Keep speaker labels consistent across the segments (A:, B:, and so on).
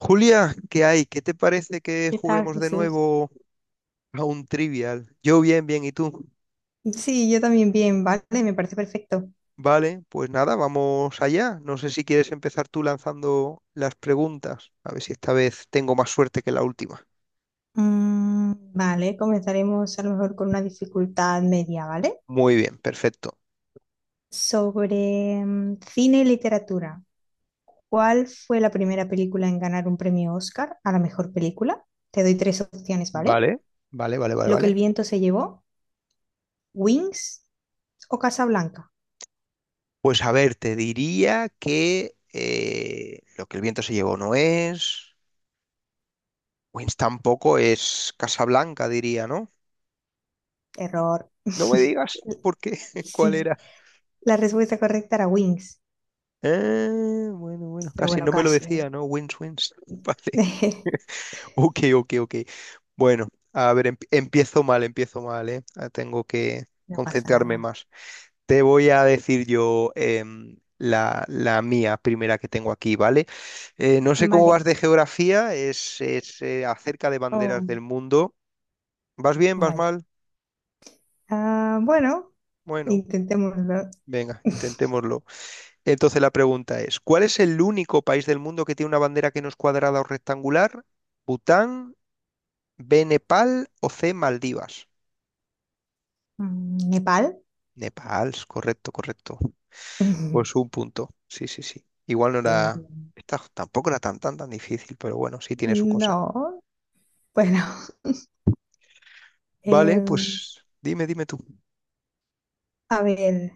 A: Julia, ¿qué hay? ¿Qué te parece que
B: ¿Qué tal,
A: juguemos de
B: Jesús?
A: nuevo a un trivial? Yo bien, bien, ¿y tú?
B: Sí, yo también bien, vale, me parece perfecto.
A: Vale, pues nada, vamos allá. No sé si quieres empezar tú lanzando las preguntas. A ver si esta vez tengo más suerte que la última.
B: Mm, vale, comenzaremos a lo mejor con una dificultad media, ¿vale?
A: Muy bien, perfecto.
B: Sobre cine y literatura. ¿Cuál fue la primera película en ganar un premio Oscar a la mejor película? Te doy tres opciones, ¿vale?
A: Vale, vale, vale, vale,
B: Lo que el
A: vale.
B: viento se llevó, Wings o Casablanca.
A: Pues a ver, te diría que lo que el viento se llevó no es. Wins tampoco es Casablanca, diría, ¿no?
B: Error.
A: No me digas por qué, cuál
B: Sí,
A: era.
B: la respuesta correcta era Wings,
A: Bueno, bueno,
B: pero
A: casi
B: bueno,
A: no me lo
B: casi, ¿eh?
A: decía, ¿no? Wins, wins. Vale. Ok, ok, ok. Bueno, a ver, empiezo mal, ¿eh? Ah, tengo que
B: No pasa
A: concentrarme
B: nada.
A: más. Te voy a decir yo la mía primera que tengo aquí, ¿vale? No sé cómo
B: Vale.
A: vas de geografía, acerca de banderas del
B: Oh,
A: mundo. ¿Vas bien? ¿Vas
B: vaya.
A: mal?
B: Ah, bueno,
A: Bueno,
B: intentémoslo.
A: venga, intentémoslo. Entonces la pregunta es, ¿cuál es el único país del mundo que tiene una bandera que no es cuadrada o rectangular? ¿Bután, B, Nepal o C, Maldivas?
B: ¿Nepal?
A: Nepal, correcto, correcto. Pues un punto. Sí, sí, sí. Igual no
B: Bien,
A: era.
B: bien.
A: Esta tampoco era tan, tan, tan difícil, pero bueno, sí tiene su cosa.
B: No, bueno.
A: Vale,
B: Em,
A: pues dime, dime tú.
B: a ver,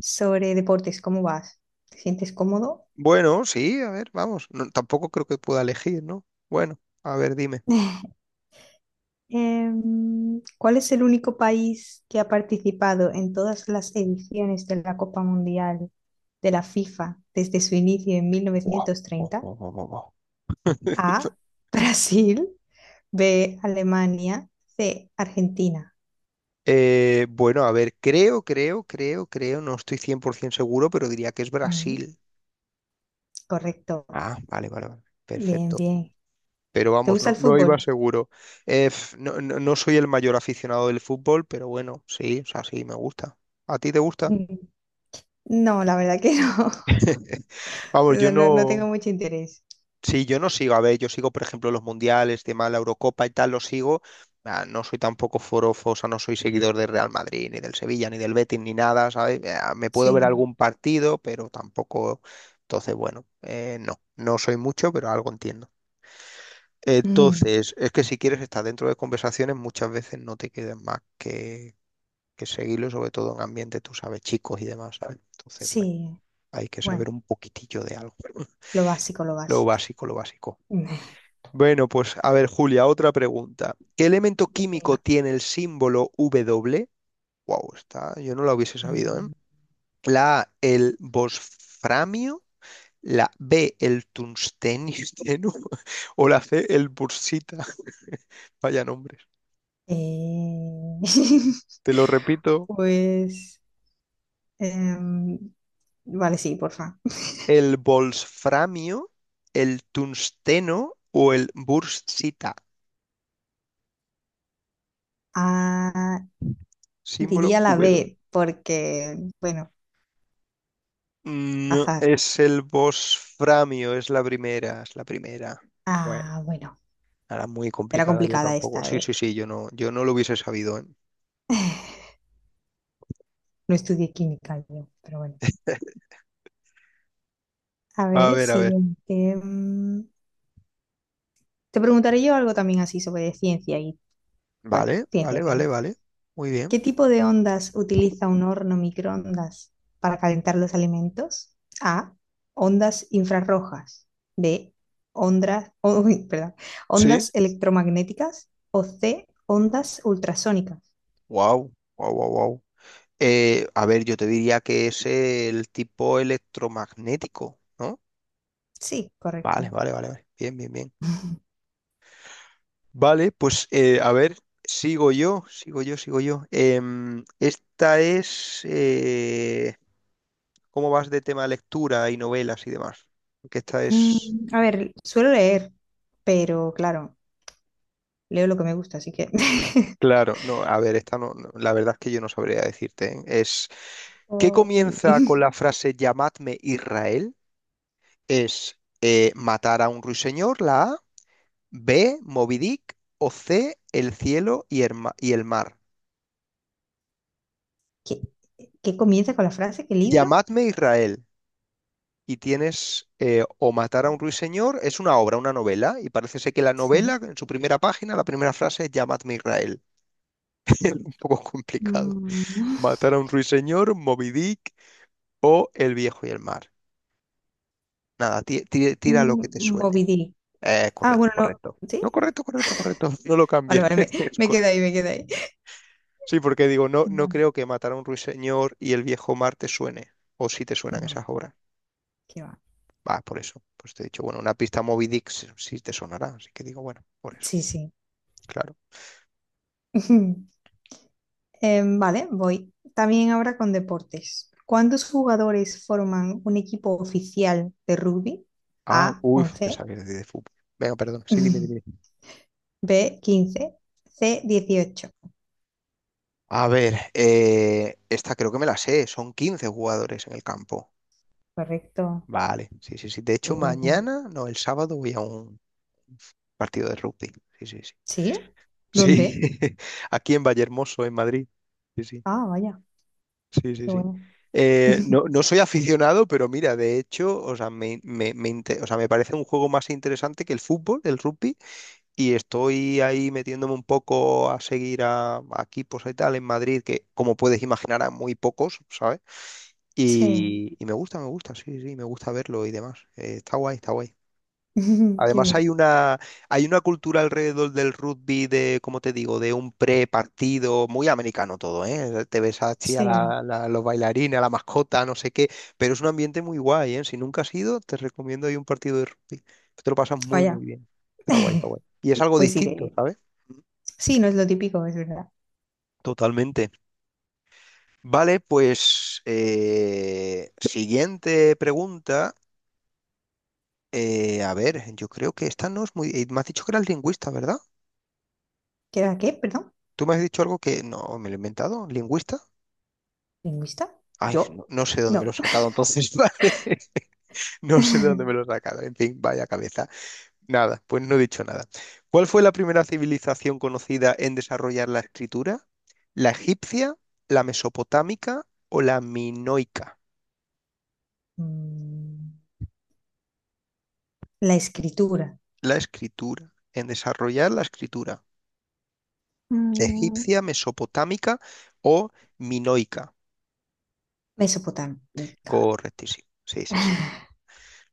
B: sobre deportes, ¿cómo vas? ¿Te sientes cómodo?
A: Bueno, sí, a ver, vamos. No, tampoco creo que pueda elegir, ¿no? Bueno, a ver, dime.
B: ¿Cuál es el único país que ha participado en todas las ediciones de la Copa Mundial de la FIFA desde su inicio en
A: Buah, buah,
B: 1930?
A: buah, buah, buah, buah.
B: A. Brasil. B, Alemania, C, Argentina.
A: Bueno, a ver, creo, creo, creo, creo, no estoy 100% seguro, pero diría que es
B: Mm,
A: Brasil.
B: correcto.
A: Ah, vale, vale, vale,
B: Bien,
A: perfecto.
B: bien.
A: Pero
B: ¿Te
A: vamos,
B: gusta
A: no,
B: el
A: no iba
B: fútbol?
A: seguro. No, no soy el mayor aficionado del fútbol, pero bueno, sí, o sea, sí, me gusta. ¿A ti te gusta?
B: Mm, No, la verdad que no. O
A: Vamos, yo
B: sea, no, no tengo
A: no.
B: mucho interés.
A: Sí, yo no sigo, a ver, yo sigo, por ejemplo, los mundiales, tema de la Eurocopa y tal, los sigo. Ah, no soy tampoco forofo, o sea, no soy seguidor del Real Madrid, ni del Sevilla, ni del Betis, ni nada, ¿sabes? Ah, me puedo ver
B: Sí.
A: algún partido, pero tampoco. Entonces, bueno, no, no soy mucho, pero algo entiendo.
B: Mm,
A: Entonces, es que si quieres estar dentro de conversaciones, muchas veces no te quedan más que seguirlo, sobre todo en ambiente, tú sabes, chicos y demás, ¿sabes? Entonces, bueno,
B: sí.
A: hay que saber
B: Bueno,
A: un poquitillo de algo.
B: lo básico, lo
A: Lo
B: básico.
A: básico, lo básico. Bueno, pues a ver, Julia, otra pregunta. ¿Qué elemento
B: Mm,
A: químico
B: Venga.
A: tiene el símbolo W? Wow, está, yo no lo hubiese sabido, ¿eh?
B: Mm,
A: La A, el bosframio, la B, el tungstenio, o la C, el bursita. Vaya nombres.
B: eh,
A: Te lo repito,
B: pues, em, vale, sí, porfa.
A: el bolsframio, el tungsteno o el bursita,
B: Ah,
A: símbolo
B: diría la
A: W.
B: B, porque, bueno,
A: No,
B: azar.
A: es el bosframio, es la primera, es la primera. Bueno.
B: Ah, bueno.
A: Era muy
B: Era
A: complicada, yo
B: complicada
A: tampoco.
B: esta,
A: Sí,
B: ¿eh?
A: sí, sí, yo no, yo no lo hubiese sabido, ¿eh?
B: No estudié química yo, pero bueno. A
A: A
B: ver,
A: ver, a ver.
B: siguiente. Te preguntaré yo algo también así sobre ciencia y, bueno,
A: Vale,
B: ciencia
A: vale,
B: en
A: vale,
B: general.
A: vale. Muy bien.
B: ¿Qué tipo de ondas utiliza un horno microondas para calentar los alimentos? A. Ondas infrarrojas. B. Ondas, uy, perdón,
A: Sí.
B: ondas electromagnéticas. O C. Ondas ultrasónicas.
A: Wow, wow, wow, wow. A ver, yo te diría que es el tipo electromagnético, ¿no?
B: Sí,
A: Vale,
B: correcto.
A: vale, vale, vale. Bien, bien, bien. Vale, pues a ver, sigo yo, sigo yo, sigo yo. Esta es. ¿Cómo vas de tema lectura y novelas y demás? Que esta es.
B: A ver, suelo leer, pero claro. Leo lo que me gusta, así que.
A: Claro, no, a ver, esta no, no, la verdad es que yo no sabría decirte. ¿Eh? Es. ¿Qué
B: Jolín.
A: comienza con la frase llamadme Israel? Es matar a un ruiseñor, la A, B, Moby Dick, o C, el cielo y y el mar.
B: ¿Qué, qué comienza con la frase? ¿Qué libro?
A: Llamadme Israel. Y tienes o matar a un ruiseñor, es una obra, una novela, y parece ser que la novela,
B: Sí.
A: en su primera página, la primera frase es llamadme Israel. Un poco complicado.
B: Mm,
A: Matar a un ruiseñor, Moby Dick o el viejo y el mar. Nada, tira, lo que te suene.
B: Moby Dick. Ah,
A: Correcto,
B: bueno, no.
A: correcto.
B: ¿Sí?
A: No, correcto, correcto, correcto. No lo
B: Vale,
A: cambies.
B: vale, me,
A: Es
B: me quedé
A: correcto.
B: ahí, me quedé ahí.
A: Sí, porque digo, no, no
B: Bueno,
A: creo que matar a un ruiseñor y el viejo mar te suene. O si te suenan esas
B: no,
A: obras.
B: qué va.
A: Va, por eso. Pues te he dicho, bueno, una pista Moby Dick sí sí te sonará. Así que digo, bueno, por eso.
B: Sí, sí.
A: Claro.
B: Vale, voy. También ahora con deportes. ¿Cuántos jugadores forman un equipo oficial de rugby?
A: Ah,
B: A,
A: uy, te
B: 11.
A: sabías de fútbol. Venga, perdón. Sí, dime, dime.
B: B, 15. C, 18.
A: A ver, esta creo que me la sé. Son 15 jugadores en el campo.
B: Correcto.
A: Vale, sí, sí, sí. De hecho,
B: Muy bien, muy bien.
A: mañana, no, el sábado voy a un partido de rugby. Sí, sí, sí.
B: ¿Sí?
A: Sí,
B: ¿Dónde?
A: aquí en Vallehermoso, en Madrid. Sí, sí,
B: Ah, vaya,
A: sí, sí,
B: qué
A: sí.
B: bueno.
A: No, no soy aficionado, pero mira, de hecho, o sea, o sea, me parece un juego más interesante que el fútbol, el rugby, y estoy ahí metiéndome un poco a seguir a equipos y tal en Madrid, que como puedes imaginar, a muy pocos, ¿sabes?
B: Sí,
A: Y me gusta, sí, sí, me gusta verlo y demás. Está guay, está guay.
B: qué
A: Además
B: bien.
A: hay una cultura alrededor del rugby de, como te digo, de un pre-partido, muy americano todo, ¿eh? Te ves así a
B: Sí,
A: los bailarines, a la mascota, no sé qué, pero es un ambiente muy guay, ¿eh? Si nunca has ido, te recomiendo ahí un partido de rugby. Te lo pasas muy,
B: vaya.
A: muy bien. Está guay, está guay. Y es algo
B: Pues
A: distinto,
B: iré.
A: ¿sabes?
B: Sí, no es lo típico, es verdad.
A: Totalmente. Vale, pues siguiente pregunta. A ver, yo creo que esta no es muy. Me has dicho que eras lingüista, ¿verdad?
B: ¿Qué era qué? Perdón.
A: Tú me has dicho algo que no me lo he inventado, lingüista.
B: ¿Lingüista?
A: Ay,
B: ¿Yo?
A: no, no sé de dónde me lo
B: No.
A: he sacado entonces, vale. No sé de dónde me lo he sacado. En fin, vaya cabeza. Nada, pues no he dicho nada. ¿Cuál fue la primera civilización conocida en desarrollar la escritura? ¿La egipcia, la mesopotámica o la minoica?
B: Mm, la escritura.
A: La escritura, en desarrollar la escritura.
B: Mm,
A: Egipcia, mesopotámica o minoica.
B: Mesopotámica.
A: Correctísimo. Sí, sí, sí.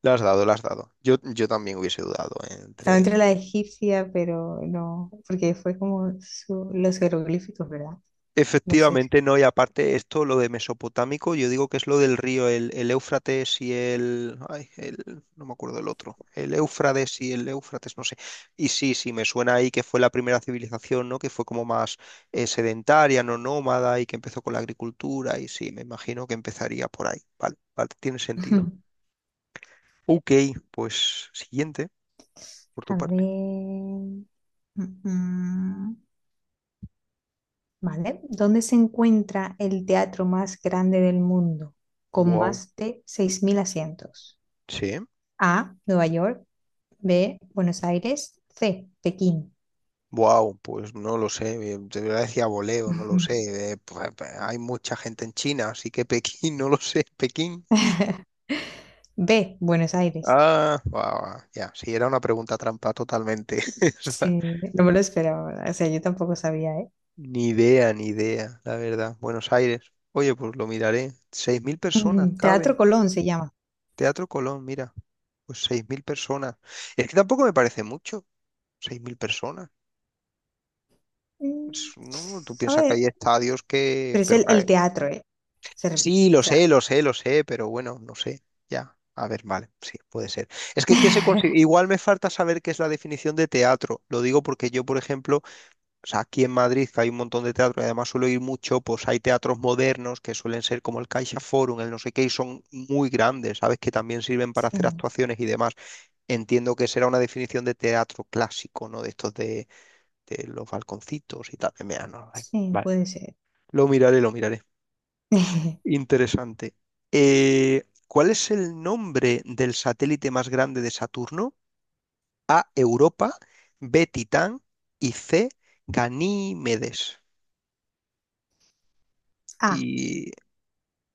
A: La has dado, la has dado. Yo también hubiese dudado
B: Estaba
A: entre.
B: entre la egipcia, pero no, porque fue como los jeroglíficos, ¿verdad? No sé.
A: Efectivamente, no, y aparte esto, lo de mesopotámico, yo digo que es lo del río, el Éufrates y no me acuerdo el otro, el Éufrates y el Éufrates, no sé. Y sí, sí, me suena ahí que fue la primera civilización, ¿no? Que fue como más sedentaria, no nómada, y que empezó con la agricultura, y sí, me imagino que empezaría por ahí. Vale, vale, tiene sentido. Ok, pues siguiente, por
B: A
A: tu parte.
B: ver. Mm, mm. ¿Vale? ¿Dónde se encuentra el teatro más grande del mundo, con
A: Wow.
B: más de 6.000 asientos?
A: Sí.
B: A, Nueva York, B, Buenos Aires, C, Pekín.
A: Wow, pues no lo sé, de decía voleo, no lo sé. Pues, hay mucha gente en China, así que Pekín, no lo sé. Pekín.
B: B, Buenos Aires.
A: Ah, guau, ya, sí, era una pregunta trampa totalmente. O sea,
B: Sí, no me lo esperaba, o sea, yo tampoco sabía, ¿eh?
A: ni idea, ni idea, la verdad. Buenos Aires. Oye, pues lo miraré. 6.000 personas
B: Ujú.
A: caben.
B: Teatro Colón se llama.
A: Teatro Colón, mira, pues 6.000 personas. Es que tampoco me parece mucho, seis mil personas.
B: Mm,
A: No, tú piensas que
B: ¿sabes?
A: hay estadios que.
B: Pero es
A: Pero
B: el teatro, ¿eh? Se ref-
A: sí,
B: o
A: lo
B: sea,
A: sé, lo sé, lo sé, pero bueno, no sé. Ya, a ver, vale, sí, puede ser. Es que igual me falta saber qué es la definición de teatro. Lo digo porque yo, por ejemplo, o sea, aquí en Madrid que hay un montón de teatro y además suelo ir mucho, pues hay teatros modernos que suelen ser como el Caixa Forum, el no sé qué, y son muy grandes, ¿sabes? Que también sirven para hacer
B: sí,
A: actuaciones y demás. Entiendo que será una definición de teatro clásico, ¿no? De estos de, los balconcitos y tal. Mira, no, vale,
B: sí,
A: vale.
B: puede ser.
A: Lo miraré, lo miraré. Interesante. ¿Cuál es el nombre del satélite más grande de Saturno? A, Europa, B, Titán y C, Ganímedes.
B: Ah,
A: Y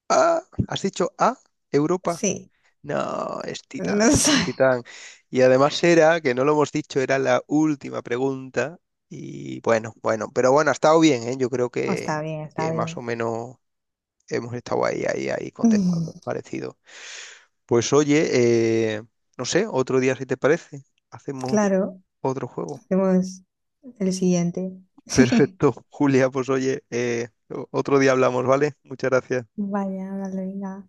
A: A, ¿has dicho A, Europa?
B: sí,
A: No, es
B: no
A: Titán,
B: sé.
A: es Titán. Y además era, que no lo hemos dicho, era la última pregunta. Y bueno, bueno, pero bueno, ha estado bien, ¿eh? Yo creo
B: Oh, está
A: que,
B: bien, está
A: que más o
B: bien.
A: menos hemos estado ahí, ahí, ahí contestando,
B: Mm,
A: parecido. Pues oye, no sé, otro día si te parece, hacemos
B: claro,
A: otro juego.
B: hacemos el siguiente.
A: Perfecto, Julia, pues oye, otro día hablamos, ¿vale? Muchas gracias.
B: Vaya, dale, venga.